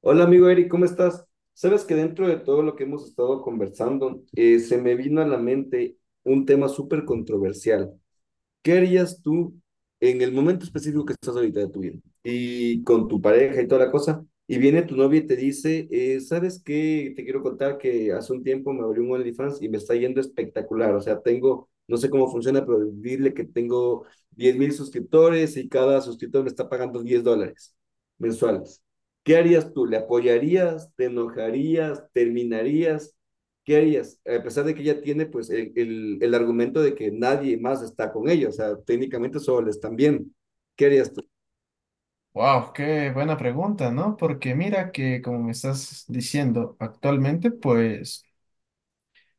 Hola amigo Eric, ¿cómo estás? Sabes que dentro de todo lo que hemos estado conversando, se me vino a la mente un tema súper controversial. ¿Qué harías tú en el momento específico que estás ahorita de tu vida? Y con tu pareja y toda la cosa. Y viene tu novia y te dice, ¿sabes qué? Te quiero contar que hace un tiempo me abrí un OnlyFans y me está yendo espectacular. O sea, tengo, no sé cómo funciona, pero dile que tengo 10.000 suscriptores y cada suscriptor me está pagando $10 mensuales. ¿Qué harías tú? ¿Le apoyarías? ¿Te enojarías? ¿Terminarías? ¿Qué harías? A pesar de que ella tiene pues el argumento de que nadie más está con ella, o sea, técnicamente solo le están viendo. ¿Qué harías tú? Wow, qué buena pregunta, ¿no? Porque mira que, como me estás diciendo actualmente, pues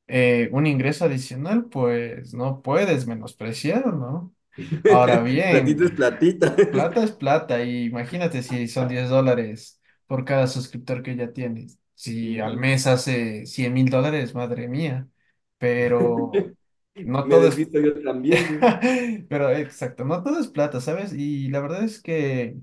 un ingreso adicional, pues no puedes menospreciar, ¿no? Ahora bien, Platita es platita. plata es plata y imagínate si son $10 por cada suscriptor que ya tienes. Si al mes hace $100,000, madre mía, pero no Me todo es, desvisto yo también, pero exacto, no todo es plata, ¿sabes? Y la verdad es que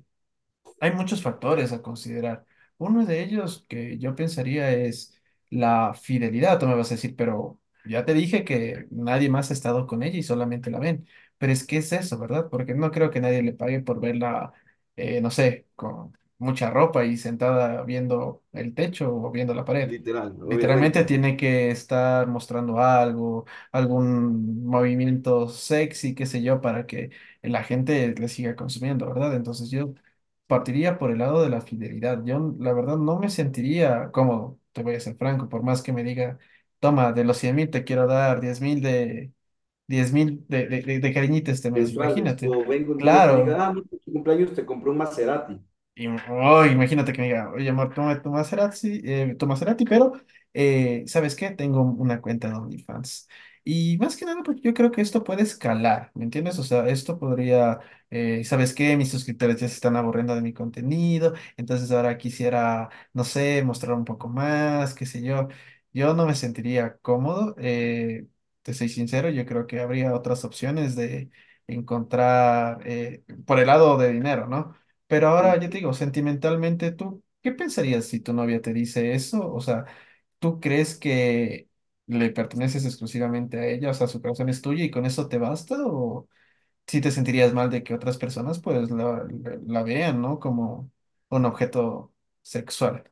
hay muchos factores a considerar. Uno de ellos que yo pensaría es la fidelidad. Tú me vas a decir, pero ya te dije que nadie más ha estado con ella y solamente la ven. Pero es que es eso, ¿verdad? Porque no creo que nadie le pague por verla, no sé, con mucha ropa y sentada viendo el techo o viendo la pared. literal, Literalmente obviamente. tiene que estar mostrando algo, algún movimiento sexy, qué sé yo, para que la gente le siga consumiendo, ¿verdad? Entonces yo partiría por el lado de la fidelidad. Yo, la verdad, no me sentiría cómodo, te voy a ser franco, por más que me diga, toma, de los 100,000 te quiero dar 10,000 de, cariñito este mes, Mensuales. imagínate. O vengo un día y te diga, Claro, ah, mira, tu cumpleaños te compró un Maserati. y, oh, imagínate que me diga, oye, amor, toma toma Cerati, pero ¿sabes qué? Tengo una cuenta de OnlyFans. Y más que nada, porque yo creo que esto puede escalar, ¿me entiendes? O sea, esto podría, ¿sabes qué? Mis suscriptores ya se están aburriendo de mi contenido, entonces ahora quisiera, no sé, mostrar un poco más, qué sé yo. Yo no me sentiría cómodo, te soy sincero, yo creo que habría otras opciones de encontrar por el lado de dinero, ¿no? Pero ahora yo te digo, sentimentalmente, ¿tú qué pensarías si tu novia te dice eso? O sea, ¿tú crees que le perteneces exclusivamente a ella? O sea, ¿su corazón es tuyo y con eso te basta? ¿O si te sentirías mal de que otras personas pues la vean, ¿no? Como un objeto sexual.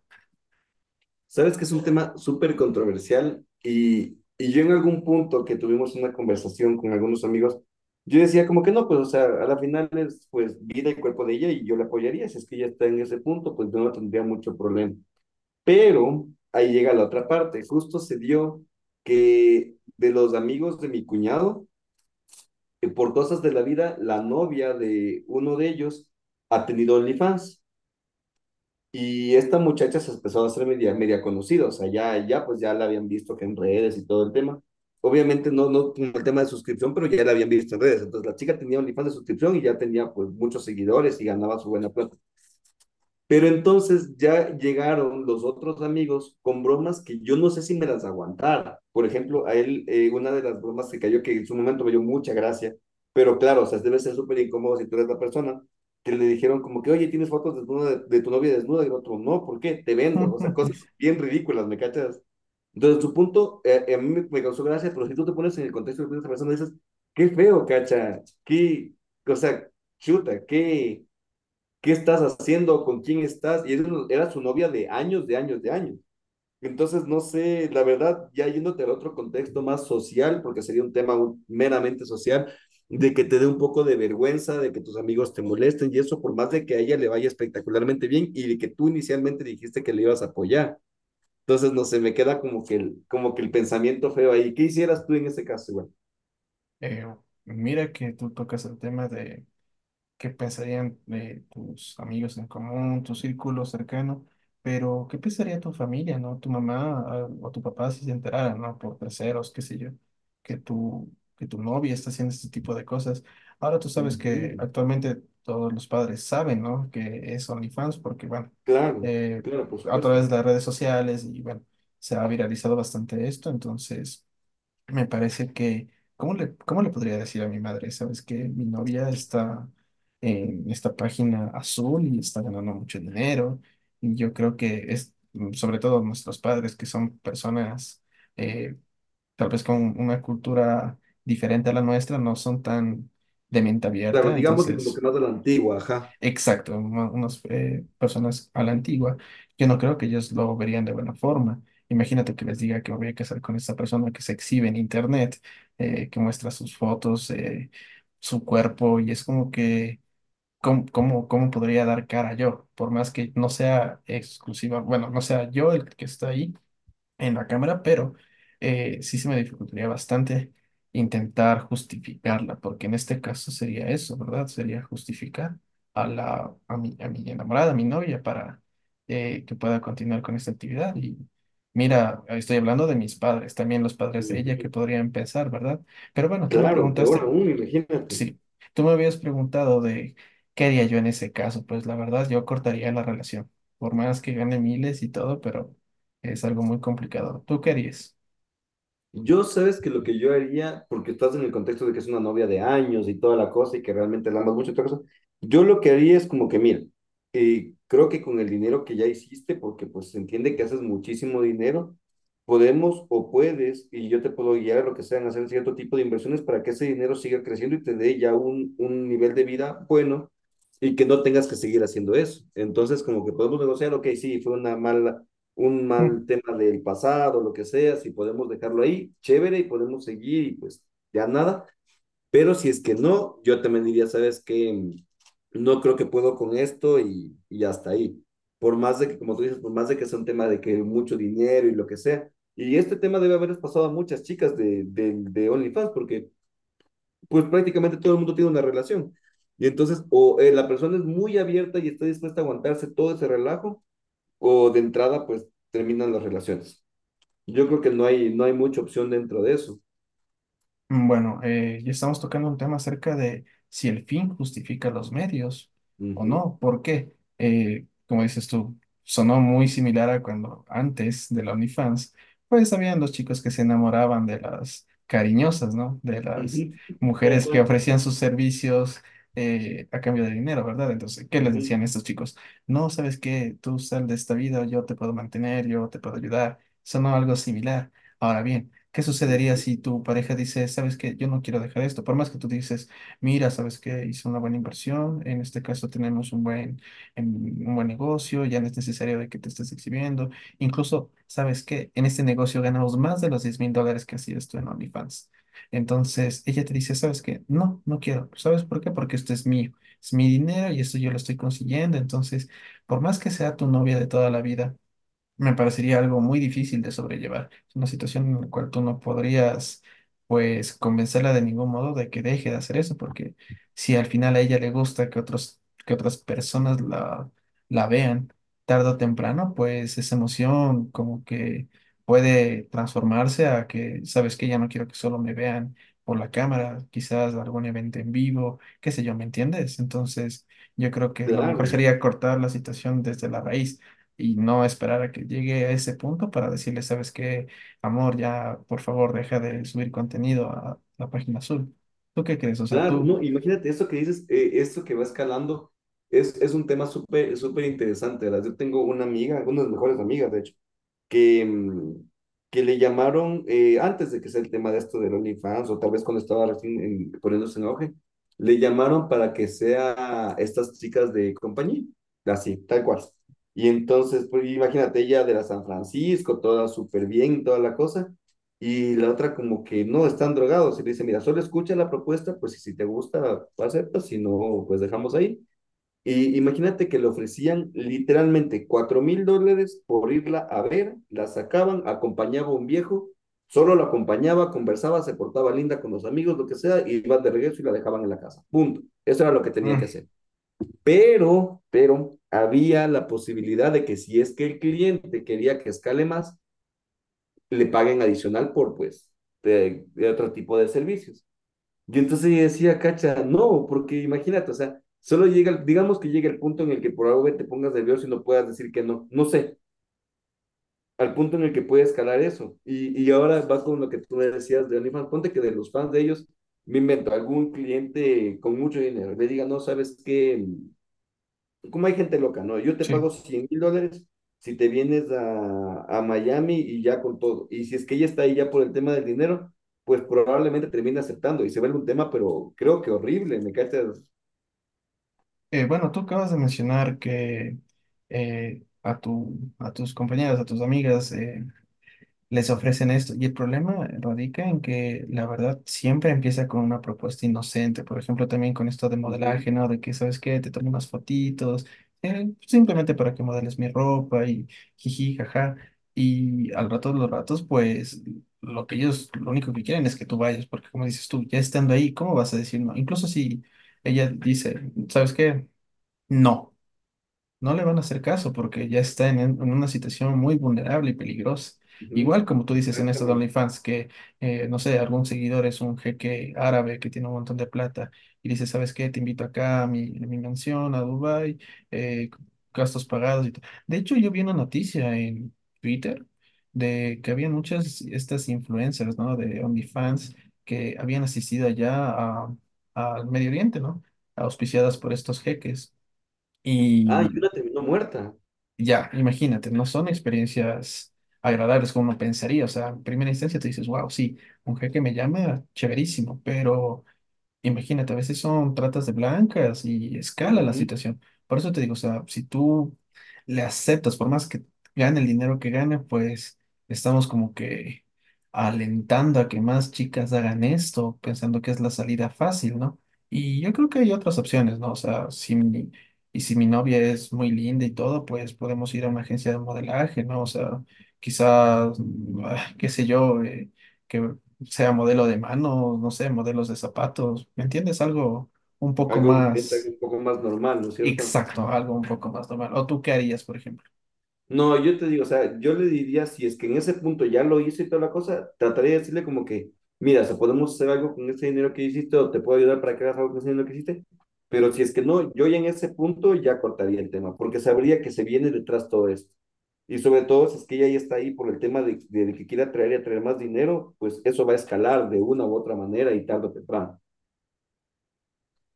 Sabes que es un tema súper controversial y yo en algún punto que tuvimos una conversación con algunos amigos, yo decía como que no, pues o sea, a la final es pues vida y cuerpo de ella y yo la apoyaría, si es que ella está en ese punto, pues yo no tendría mucho problema. Pero ahí llega la otra parte, justo se dio que de los amigos de mi cuñado, que por cosas de la vida, la novia de uno de ellos ha tenido OnlyFans. Y esta muchacha se empezó a hacer media, media conocida, o sea, ya, ya, pues ya la habían visto que en redes y todo el tema. Obviamente no, no con el tema de suscripción, pero ya la habían visto en redes. Entonces la chica tenía OnlyFans de suscripción y ya tenía pues muchos seguidores y ganaba su buena plata. Pero entonces ya llegaron los otros amigos con bromas que yo no sé si me las aguantara. Por ejemplo, a él, una de las bromas que cayó, que en su momento me dio mucha gracia, pero claro, o sea, debe ser súper incómodo si tú eres la persona, que le dijeron como que, oye, ¿tienes fotos desnuda de tu novia desnuda? Y el otro, no, ¿por qué? Te vendo. O sea, cosas bien ridículas, ¿me cachas? Entonces, su punto, a mí me causó gracia, pero si tú te pones en el contexto de esa persona, dices, qué feo, cacha, qué, o sea, chuta, qué estás haciendo, con quién estás, y era, su novia de años, de años, de años. Entonces, no sé, la verdad, ya yéndote al otro contexto más social, porque sería un tema meramente social, de que te dé un poco de vergüenza, de que tus amigos te molesten y eso, por más de que a ella le vaya espectacularmente bien y de que tú inicialmente dijiste que le ibas a apoyar. Entonces, no sé, me queda como que el pensamiento feo ahí. ¿Qué hicieras tú en ese caso, igual? Eh, mira que tú tocas el tema de qué pensarían de tus amigos en común, tu círculo cercano, pero qué pensaría tu familia, ¿no? Tu mamá o tu papá si se enteraran, ¿no? Por terceros, qué sé yo, que tu, que tu novia está haciendo este tipo de cosas. Ahora tú sabes que Ujú. actualmente todos los padres saben, ¿no? Que es OnlyFans porque, bueno, Claro, eh, claro, por a supuesto. través de las redes sociales y, bueno, se ha viralizado bastante esto, entonces me parece que, ¿¿cómo le podría decir a mi madre? ¿Sabes que mi novia está en esta página azul y está ganando mucho dinero? Y yo creo que es, sobre todo nuestros padres, que son personas eh, tal vez con una cultura diferente a la nuestra, no son tan de mente Claro, abierta. digámosle como que Entonces, más de la antigua, ajá. exacto, unas personas a la antigua, yo no creo que ellos lo verían de buena forma. Imagínate que les diga que me voy a casar con esta persona que se exhibe en internet, que muestra sus fotos, su cuerpo, y es como que, ¿¿cómo podría dar cara yo? Por más que no sea exclusiva, bueno, no sea yo el que está ahí, en la cámara, pero sí se me dificultaría bastante intentar justificarla, porque en este caso sería eso, ¿verdad? Sería justificar a mi enamorada, a mi novia, para que pueda continuar con esta actividad. Y mira, estoy hablando de mis padres, también los padres de ella Ujú. que podrían pensar, ¿verdad? Pero bueno, tú me Claro, peor preguntaste. aún, imagínate. Sí, tú me habías preguntado de qué haría yo en ese caso. Pues la verdad, yo cortaría la relación, por más que gane miles y todo, pero es algo muy complicado. ¿Tú qué harías? Yo sabes que lo que yo haría, porque estás en el contexto de que es una novia de años y toda la cosa y que realmente la amas mucho y toda la cosa, yo lo que haría es como que, mira, creo que con el dinero que ya hiciste, porque pues se entiende que haces muchísimo dinero, podemos o puedes, y yo te puedo guiar a lo que sean, hacer cierto tipo de inversiones para que ese dinero siga creciendo y te dé ya un nivel de vida bueno y que no tengas que seguir haciendo eso. Entonces, como que podemos negociar, ok, sí, fue una mala un mal tema del pasado, lo que sea, si podemos dejarlo ahí, chévere y podemos seguir y pues ya nada. Pero si es que no, yo también diría, sabes que no creo que puedo con esto y hasta ahí. Por más de que, como tú dices, por más de que sea un tema de que mucho dinero y lo que sea. Y este tema debe haberles pasado a muchas chicas de OnlyFans porque pues prácticamente todo el mundo tiene una relación. Y entonces o la persona es muy abierta y está dispuesta a aguantarse todo ese relajo o de entrada pues terminan las relaciones. Yo creo que no hay, no hay mucha opción dentro de eso. Bueno, ya estamos tocando un tema acerca de si el fin justifica los medios o Ujú, no. ¿Por qué? Como dices tú, sonó muy similar a cuando antes de la OnlyFans, pues habían los chicos que se enamoraban de las cariñosas, ¿no? De las ujú. Tal mujeres que cual. ofrecían sus servicios a cambio de dinero, ¿verdad? Entonces, ¿qué les Ujú, decían estos chicos? No, ¿sabes qué? Tú sal de esta vida, yo te puedo mantener, yo te puedo ayudar. Sonó algo similar. Ahora bien, ¿qué sucedería ujú. si tu pareja dice, sabes que yo no quiero dejar esto? Por más que tú dices, mira, sabes que hice una buena inversión, en este caso tenemos un buen, un buen negocio, ya no es necesario de que te estés exhibiendo. Incluso, sabes que en este negocio ganamos más de los $10,000 que hacías tú en OnlyFans. Entonces, ella te dice, ¿sabes qué? No, no quiero. ¿Sabes por qué? Porque esto es mío, es mi dinero y esto yo lo estoy consiguiendo. Entonces, por más que sea tu novia de toda la vida, me parecería algo muy difícil de sobrellevar. Es una situación en la cual tú no podrías, pues, convencerla de ningún modo de que deje de hacer eso, porque si al final a ella le gusta que otras personas la vean tarde o temprano, pues esa emoción como que puede transformarse a que, sabes que ya no quiero que solo me vean por la cámara, quizás algún evento en vivo, qué sé yo, ¿me entiendes? Entonces, yo creo que lo mejor Claro. sería cortar la situación desde la raíz y no esperar a que llegue a ese punto para decirle, ¿sabes qué, amor? Ya, por favor, deja de subir contenido a la página azul. ¿Tú qué crees? O sea, Claro, tú, no, imagínate, esto que dices, esto que va escalando, es un tema súper, súper interesante, ¿verdad? Yo tengo una amiga, una de mis mejores amigas, de hecho, que, mm, que le llamaron, antes de que sea el tema de esto del OnlyFans, o tal vez cuando estaba recién poniéndose en auge, le llamaron para que sea estas chicas de compañía, así, tal cual. Y entonces, pues imagínate, ella de la San Francisco, toda súper bien, toda la cosa, y la otra como que no, están drogados. Y le dice, mira, solo escucha la propuesta, pues y si te gusta, aceptas, si no, pues dejamos ahí. Y imagínate que le ofrecían literalmente $4.000 por irla a ver, la sacaban, acompañaba a un viejo, solo la acompañaba, conversaba, se portaba linda con los amigos, lo que sea, y iban de regreso y la dejaban en la casa. Punto. Eso era lo que tenía que mm, hacer. Pero, había la posibilidad de que si es que el cliente quería que escale más, le paguen adicional por, pues, de otro tipo de servicios. Y entonces yo decía, cacha, no, porque imagínate, o sea, solo llega, digamos que llega el punto en el que por algo te pongas nervioso y no puedas decir que no, no sé, al punto en el que puede escalar eso. Y ahora va con lo que tú me decías de OnlyFans, ponte que de los fans de ellos, me invento algún cliente con mucho dinero, le diga, no, sabes qué como hay gente loca, ¿no? Yo te pago sí. $100.000 si te vienes a Miami y ya con todo. Y si es que ella está ahí ya por el tema del dinero, pues probablemente termine aceptando y se vuelve un tema, pero creo que horrible, ¿me cachas? Bueno, tú acabas de mencionar que a tus compañeras, a tus amigas, les ofrecen esto. Y el problema radica en que la verdad siempre empieza con una propuesta inocente. Por ejemplo, también con esto de Ujú, modelaje, ¿no? De que, ¿sabes qué? Te tomo unas fotitos, simplemente para que modeles mi ropa y jiji, jaja. Y al rato de los ratos, pues lo que ellos, lo único que quieren es que tú vayas, porque como dices tú, ya estando ahí, ¿cómo vas a decir no? Incluso si ella dice, ¿sabes qué? No, no le van a hacer caso porque ya está en una situación muy vulnerable y peligrosa. Igual ujú, como tú dices en estos exactamente. OnlyFans, que no sé, algún seguidor es un jeque árabe que tiene un montón de plata y dice, ¿sabes qué? Te invito acá a a mi mansión, a Dubái, eh, gastos pagados y todo. De hecho, yo vi una noticia en Twitter de que había muchas estas influencers, ¿no? De OnlyFans que habían asistido allá al Medio Oriente, ¿no? Auspiciadas por estos jeques. Ah, y Y una terminó muerta. ya, imagínate, no son experiencias agradables como uno pensaría. O sea, en primera instancia te dices, wow, sí, un jeque me llama, chéverísimo, pero imagínate, a veces son tratas de blancas y escala la Ujú. situación. Por eso te digo, o sea, si tú le aceptas, por más que gane el dinero que gane, pues estamos como que alentando a que más chicas hagan esto, pensando que es la salida fácil, ¿no? Y yo creo que hay otras opciones, ¿no? O sea, si mi novia es muy linda y todo, pues podemos ir a una agencia de modelaje, ¿no? O sea, quizás, qué sé yo, que sea modelo de manos, no sé, modelos de zapatos, ¿me entiendes? Algo un poco Algo diferente, algo más un poco más normal, ¿no es cierto? exacto, algo un poco más normal. ¿O tú qué harías, por ejemplo? No, yo te digo, o sea, yo le diría, si es que en ese punto ya lo hice y toda la cosa, trataría de decirle como que, mira, si podemos hacer algo con ese dinero que hiciste o te puedo ayudar para que hagas algo con ese dinero que hiciste, pero si es que no, yo ya en ese punto ya cortaría el tema, porque sabría que se viene detrás todo esto. Y sobre todo, si es que ella ya está ahí por el tema de que quiera traer y atraer más dinero, pues eso va a escalar de una u otra manera y tarde o temprano.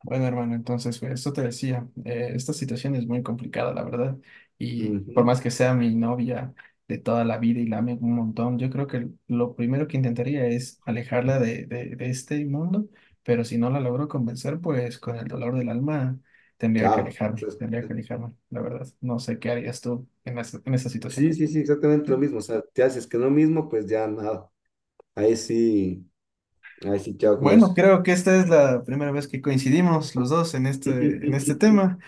Bueno, hermano, entonces, pues, esto te decía, esta situación es muy complicada, la verdad, y por Ujú. más que sea mi novia de toda la vida y la ame un montón, yo creo que lo primero que intentaría es alejarla de este mundo, pero si no la logro convencer, pues con el dolor del alma Chao. Entonces, tendría que alejarme, la verdad. No sé qué harías tú en esa situación. sí, sí, sí, exactamente lo mismo. O sea, te haces que no mismo, pues ya nada. Ahí sí. Así, chao con Bueno, eso. creo que esta es la primera vez que coincidimos los dos en este, en este Chévere, tema.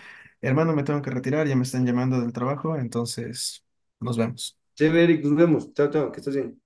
Hermano, me tengo que retirar, ya me están llamando del trabajo, entonces nos vemos. Eric, nos vemos. Chao, chao, que estés bien.